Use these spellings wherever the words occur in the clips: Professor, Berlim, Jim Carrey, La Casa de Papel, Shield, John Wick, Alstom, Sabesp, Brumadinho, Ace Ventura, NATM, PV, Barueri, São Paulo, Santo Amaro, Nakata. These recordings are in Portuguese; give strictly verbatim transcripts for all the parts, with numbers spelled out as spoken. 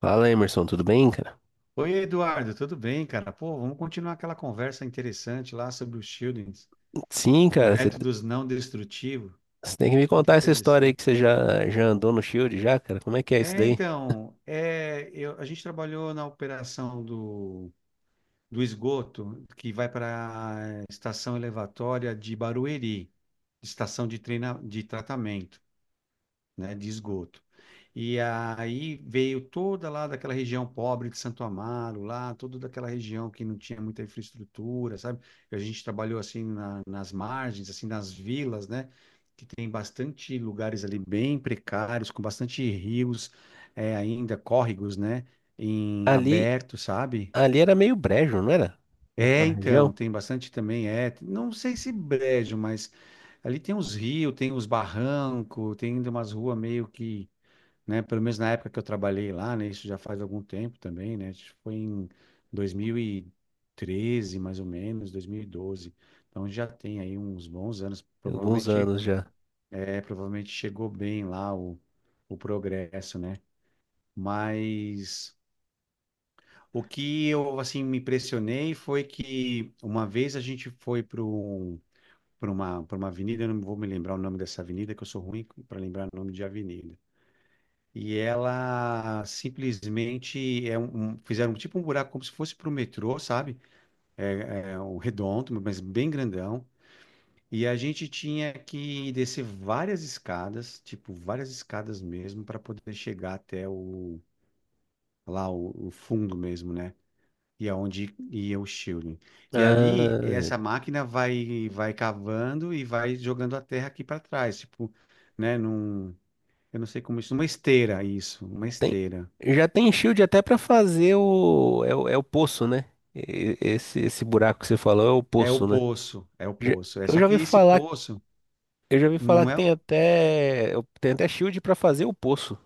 Fala, Emerson, tudo bem, cara? Oi, Eduardo, tudo bem, cara? Pô, vamos continuar aquela conversa interessante lá sobre os shieldings, Sim, cara, você métodos não destrutivos, você tem que me muito contar essa história aí interessante. que você já, já andou no Shield já, cara. Como é que é isso É, daí? então, é, eu- a gente trabalhou na operação do, do esgoto que vai para a estação elevatória de Barueri, estação de, treina, de tratamento, né, de esgoto. E aí veio toda lá daquela região pobre de Santo Amaro, lá, toda daquela região que não tinha muita infraestrutura, sabe? A gente trabalhou assim na- nas margens, assim nas vilas, né? Que tem bastante lugares ali bem precários, com bastante rios, é, ainda córregos, né? Em Ali, aberto, sabe? ali era meio brejo, não era? É, Naquela região? então, tem bastante também, é. Não sei se brejo, mas ali tem uns rios, tem uns barrancos, tem ainda umas ruas meio que, né? Pelo menos na época que eu trabalhei lá, né? Isso já faz algum tempo também, né? Isso foi em dois mil e treze, mais ou menos, dois mil e doze. Então já tem aí uns bons anos. Tem alguns Provavelmente, anos já. é, provavelmente chegou bem lá o, o progresso, né? Mas o que eu assim me impressionei foi que uma vez a gente foi para um, para uma, para uma avenida, eu não vou me lembrar o nome dessa avenida, que eu sou ruim para lembrar o nome de avenida. E ela simplesmente é um, um- fizeram tipo um buraco como se fosse para o metrô, sabe? É, é um redondo, mas bem grandão. E a gente tinha que descer várias escadas, tipo várias escadas mesmo, para poder chegar até o lá o, o fundo mesmo, né? E aonde ia o shielding. E ali Ah, essa máquina vai vai cavando e vai jogando a terra aqui para trás, tipo, né? Num, eu não sei como isso, uma esteira, isso, uma tem, esteira. já tem Shield até pra fazer o, é, o, é o poço, né? E- Esse, esse buraco que você falou é o É o poço, né? poço, é o Já- poço. É eu só já ouvi que esse falar, poço eu já ouvi falar não que é. tem até, tem até Shield pra fazer o poço.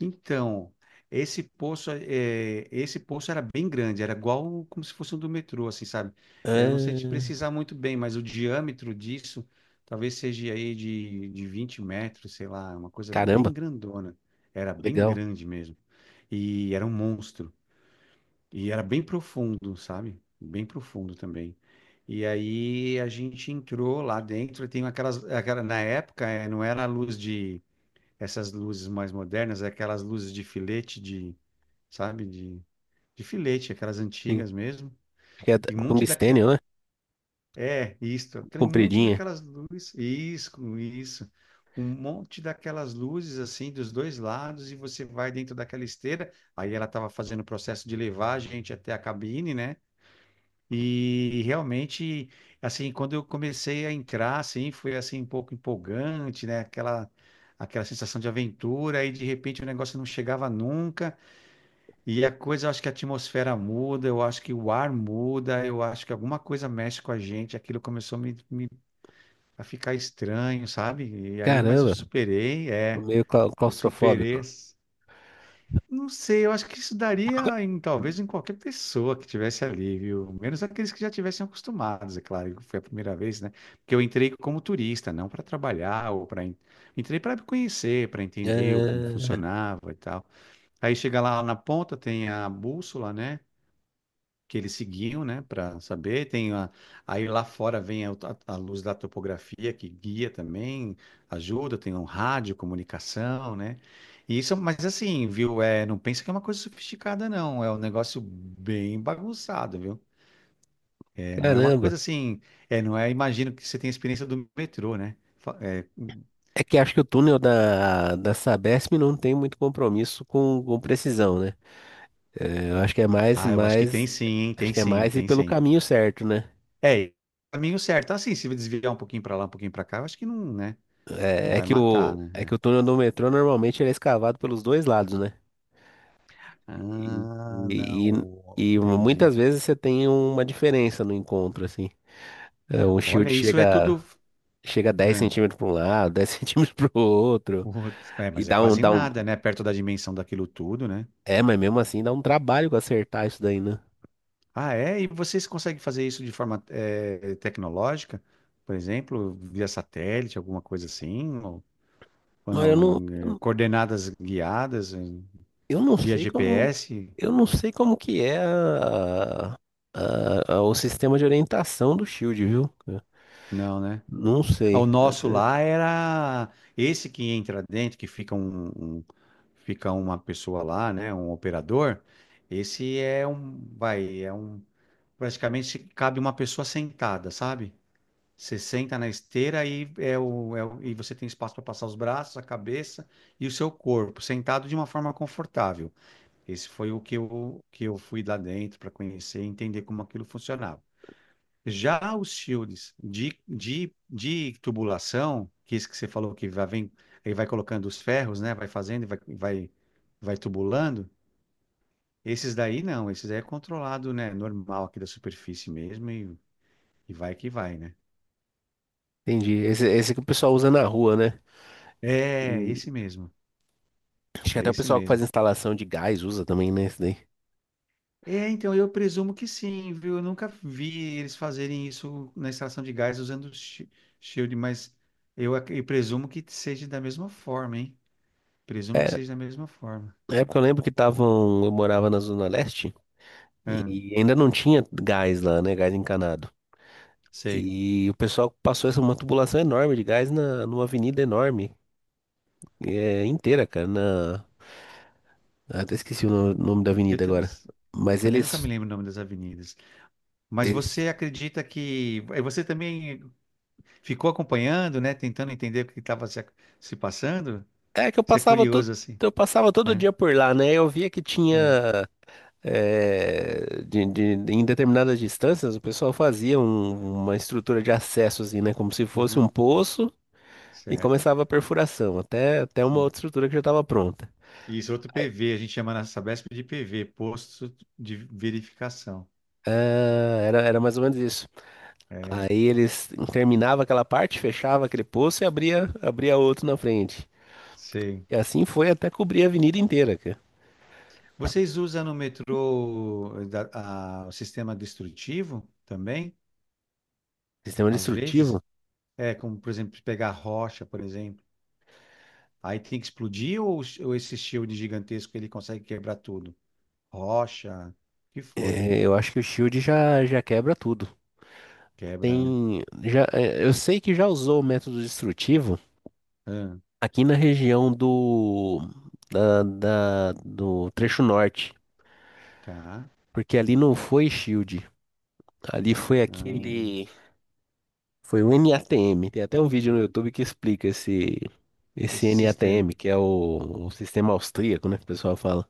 Então, esse poço, é, esse poço era bem grande, era igual como se fosse um do metrô, assim, sabe? É, eu não sei te Ah, precisar muito bem, mas o diâmetro disso talvez seja aí de, de vinte metros, sei lá, uma coisa caramba, bem grandona. Era bem legal. grande mesmo. E era um monstro. E era bem profundo, sabe? Bem profundo também. E aí a gente entrou lá dentro, e tem aquelas, aquela, na época eh, não era a luz de, essas luzes mais modernas, é aquelas luzes de filete de, sabe? De, de filete, aquelas antigas mesmo. Que é E um monte daquela, tungstênio, né? é, isso, aquele monte Compridinha. daquelas luzes, isso, isso. Um monte daquelas luzes assim dos dois lados e você vai dentro daquela esteira. Aí ela estava fazendo o processo de levar a gente até a cabine, né? E realmente, assim, quando eu comecei a entrar, assim, foi assim um pouco empolgante, né? Aquela, aquela sensação de aventura, e de repente o negócio não chegava nunca. E a coisa, eu acho que a atmosfera muda, eu acho que o ar muda, eu acho que alguma coisa mexe com a gente. Aquilo começou a, me, me- a ficar estranho, sabe? E aí, mas eu Caramba, superei, é, meio clau- eu superei. claustrofóbico. Não sei, eu acho que isso daria em talvez em qualquer pessoa que tivesse ali, viu? Menos aqueles que já tivessem acostumados, é claro, que foi a primeira vez, né? Porque eu entrei como turista, não para trabalhar ou para entrei para conhecer, para entender o- como Ah, funcionava e tal. Aí chega lá na ponta, tem a bússola, né? Que eles seguiam, né, para saber. Tem a, aí lá fora vem a, a luz da topografia que guia também, ajuda. Tem um rádio, comunicação, né? E isso, mas assim, viu? É, não pensa que é uma coisa sofisticada, não. É um negócio bem bagunçado, viu? É, não é uma caramba. coisa assim. É, não é. Imagino que você tem a experiência do metrô, né? Fa- é, É que acho que o túnel da, da Sabesp não tem muito compromisso com, com precisão, né? É, eu acho que é mais, ah, eu acho que mais, tem sim, hein? acho Tem que é sim, mais ir tem pelo sim. caminho certo, né? É, caminho certo. Assim, se desviar um pouquinho para lá, um pouquinho para cá, eu acho que não, né? Não É, é vai que matar, o, é né? que É. o túnel do metrô normalmente ele é escavado pelos dois lados, né? Ah, E, e, não, e muitas entendi. vezes você tem uma diferença no encontro, assim. É, o Olha, shield isso é chega tudo. chega dez Ah, centímetros para um lado, dez centímetros para o outro, putz. é, e Mas é dá um, quase dá um. nada, né? Perto da dimensão daquilo tudo, né? É, mas mesmo assim dá um trabalho pra acertar isso daí, né? Ah, é? E vocês conseguem fazer isso de forma eh, tecnológica? Por exemplo, via satélite, alguma coisa assim? Ou, ou Mas eu não, não? eu, eh, não Coordenadas guiadas, eh, eu não via sei como. G P S? Eu não sei como que é a- a- a- o sistema de orientação do Shield, viu? Não, né? Não Ah, sei. o Eu nosso até- lá era esse que entra dentro, que fica um, um- fica uma pessoa lá, né, um operador. Esse é um, vai, é um, praticamente cabe uma pessoa sentada, sabe? Você senta na esteira e é o, é o- e você tem espaço para passar os braços, a cabeça e o seu corpo, sentado de uma forma confortável. Esse foi o que eu, que eu fui lá dentro para conhecer e entender como aquilo funcionava. Já os shields de, de, de tubulação, que esse que você falou que vai, vem, ele vai colocando os ferros, né? Vai fazendo e vai, vai, vai tubulando. Esses daí não, esses daí é controlado, né? Normal aqui da superfície mesmo e, e vai que vai, né? Entendi. Esse, esse que o pessoal usa na rua, né? É, Hum, esse mesmo, acho que é até o esse pessoal que faz mesmo. instalação de gás usa também, né? Esse daí. É, então eu presumo que sim, viu? Eu nunca vi eles fazerem isso na extração de gás usando shi- shield, mas eu, ac- eu presumo que seja da mesma forma, hein? Presumo que É, seja da mesma forma. na época eu lembro que estavam. Eu morava na Zona Leste Ahn. e ainda não tinha gás lá, né? Gás encanado. Sei. E o pessoal passou essa uma tubulação enorme de gás na, numa avenida enorme, é, inteira, cara. Na, eu até esqueci o no- nome da Eu, avenida tam- agora. eu Mas também nunca eles, me lembro o nome das avenidas. Mas eles. você acredita que. eh, Você também ficou acompanhando, né? Tentando entender o que estava se, se passando? É que eu Você é passava todo, curioso, assim, eu passava todo né? dia por lá, né? Eu via que É. tinha. É, de, de- em determinadas distâncias, o pessoal fazia um- uma estrutura de acesso, assim, né? Como se fosse um Aham. poço e Certo? começava a perfuração, até, até uma Sim. outra estrutura que já estava pronta. Isso, é outro P V. A gente chama na Sabesp de P V, Posto de Verificação. Ah, era, era mais ou menos isso. É, Aí eles terminava aquela parte, fechava aquele poço e abria, abria outro na frente. sei. E assim foi até cobrir a avenida inteira, cara. Vocês usam no metrô eh, da- a- o sistema destrutivo também? Sistema Às vezes? destrutivo, É, como, por exemplo, pegar rocha, por exemplo. Aí tem que explodir ou, ou esse shield gigantesco ele consegue quebrar tudo? Rocha, o que for. é, eu acho que o Shield já, já quebra tudo. Quebra, né? Tem, já, é, eu sei que já usou o método destrutivo Ah, aqui na região do, da, da- do trecho norte, tá. porque ali não foi Shield, ali foi Ah, aquele Foi o N A T M. Tem até um vídeo no YouTube que explica esse, esse esse N A T M, sistema. que é o, o sistema austríaco, né? Que o pessoal fala.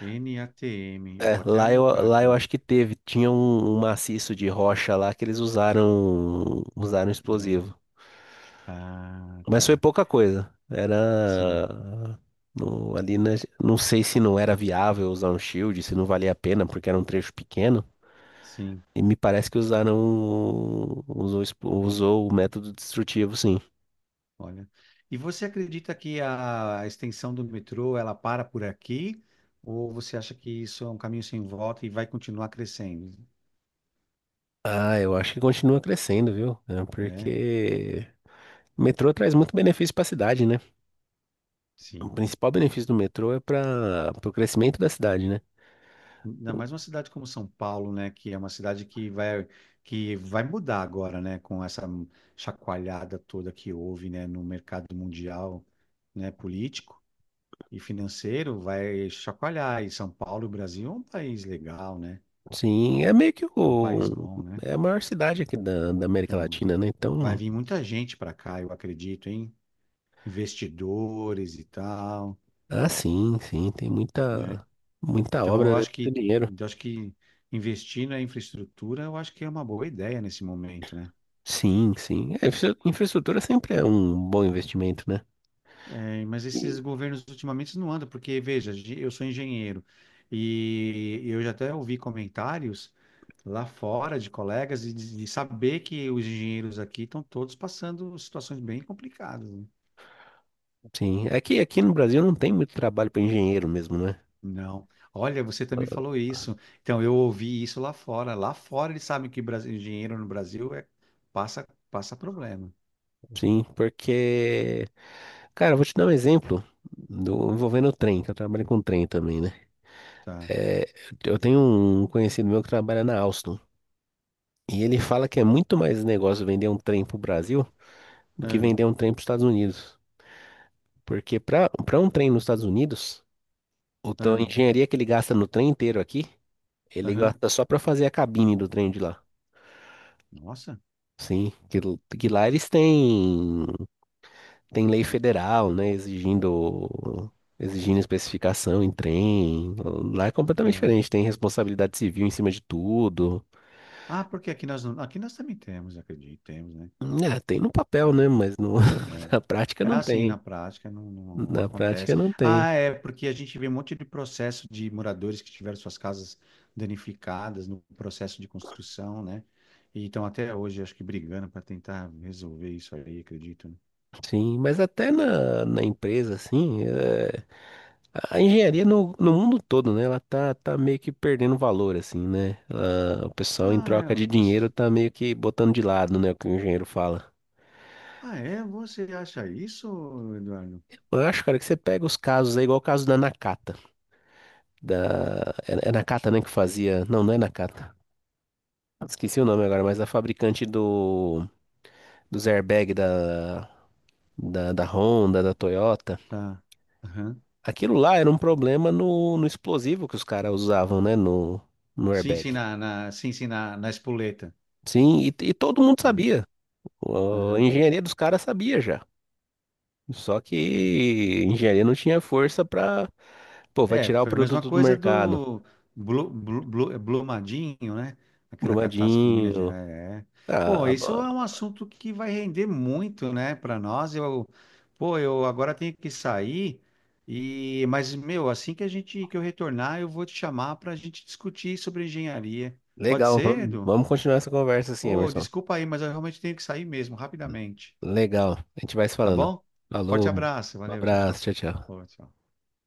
nátem. Eu É, vou até lá eu, anotar lá eu aqui, acho que teve. Tinha um, um maciço de rocha lá que eles usaram, usaram né? explosivo. Ah, Mas foi tá. pouca coisa. Sim, Era. no- ali na- não sei se não era viável usar um shield, se não valia a pena, porque era um trecho pequeno. sim. E me parece que usaram. Usou, expl- usou o método destrutivo, sim. Olha. E você acredita que a extensão do metrô ela para por aqui? Ou você acha que isso é um caminho sem volta e vai continuar crescendo? Ah, eu acho que continua crescendo, viu? É, É, porque o metrô traz muito benefício para a cidade, né? O sim. principal benefício do metrô é para o crescimento da cidade, né? Ainda mais uma cidade como São Paulo, né, que é uma cidade que vai que vai mudar agora, né, com essa chacoalhada toda que houve, né, no mercado mundial, né, político e financeiro, vai chacoalhar. E São Paulo, o Brasil é um país legal, né? Sim, é meio que É um país o, bom, né? é a maior cidade aqui da, da América Então, Latina, né? vai Então, vir muita gente para cá, eu acredito, hein? Investidores e tal, ah, sim, sim, tem né? muita, muita Então, obra, eu né? acho Muito que dinheiro. eu acho que investir na infraestrutura, eu acho que é uma boa ideia nesse momento, né? Sim, sim. É, infra- infraestrutura sempre é um bom investimento, né? É, mas esses E- governos ultimamente não andam, porque, veja, ge- eu sou engenheiro e eu já até ouvi comentários lá fora de colegas e de, de saber que os engenheiros aqui estão todos passando situações bem complicadas, né? Sim, aqui, aqui no Brasil não tem muito trabalho para engenheiro mesmo, né? Não. Olha, você também falou isso. Então, eu ouvi isso lá fora. Lá fora eles sabem que Brasi- engenheiro no Brasil é, passa, passa problema. Sim, porque cara, eu vou te dar um exemplo do, envolvendo o trem, que eu trabalho com trem também, né? Tá. É, eu tenho um conhecido meu que trabalha na Alstom. E ele fala que é muito mais negócio vender um trem pro Brasil do que Ah, vender um trem para os Estados Unidos. Porque para para um trem nos Estados Unidos, o, tão- a ah, engenharia que ele gasta no trem inteiro aqui, ele aham. gasta só para fazer a cabine do trem de lá. Nossa. Sim, que, que lá eles têm. Tem lei federal, né, exigindo exigindo especificação em trem. Lá é completamente Tá. diferente, tem responsabilidade civil em cima de tudo. Ah, porque aqui nós não, aqui nós também temos, acredito, temos, né? É, tem no papel, Tem, né, mas no- é. na prática É não assim, tem. na prática, não, não- não Na prática acontece. não tem. Ah, é, porque a gente vê um monte de processo de moradores que tiveram suas casas danificadas no processo de construção, né? E estão até hoje, acho que, brigando para tentar resolver isso aí, acredito, né? Sim, mas até na, na empresa, assim, é, a engenharia no, no mundo todo, né? Ela tá, tá meio que perdendo valor, assim, né? Ela- o pessoal, em Ah, é, troca de você... dinheiro, tá meio que botando de lado, né? O que o engenheiro fala. ah, é, você acha isso, Eduardo? Eu acho, cara, que você pega os casos aí, igual o caso da Nakata. da é, é Nakata, né, que fazia. Não, não é Nakata. Esqueci o nome agora, mas a fabricante do dos airbag da da, da Honda, da Toyota. Tá. Aham. Aquilo lá era um problema no, no explosivo que os caras usavam, né, no no Sim, sim, airbag. na, na- sim, sim, na, na espoleta. Sim, e, e todo mundo É. sabia. O- A Aham. engenharia dos caras sabia já. Só É. que a engenharia não tinha força pra, pô, vai É, tirar o foi a mesma produto do coisa mercado. do Blu, Blu, Blu- Brumadinho, né? Aquela catástrofe de Minas Brumadinho. Gerais. É. Pô, Ah, isso bom. é um assunto que vai render muito, né, para nós. Eu, pô, eu agora tenho que sair e, mas meu, assim que a gente que eu retornar, eu vou te chamar para a gente discutir sobre engenharia. Pode Legal, ser, vamos, Edu? vamos continuar essa conversa assim, Ô, Emerson. desculpa aí, mas eu realmente tenho que sair mesmo, rapidamente. Legal. A gente vai se Tá falando. bom? Forte Falou. abraço, Um valeu, tchau, abraço. tchau. Tchau, tchau. Ô, tchau.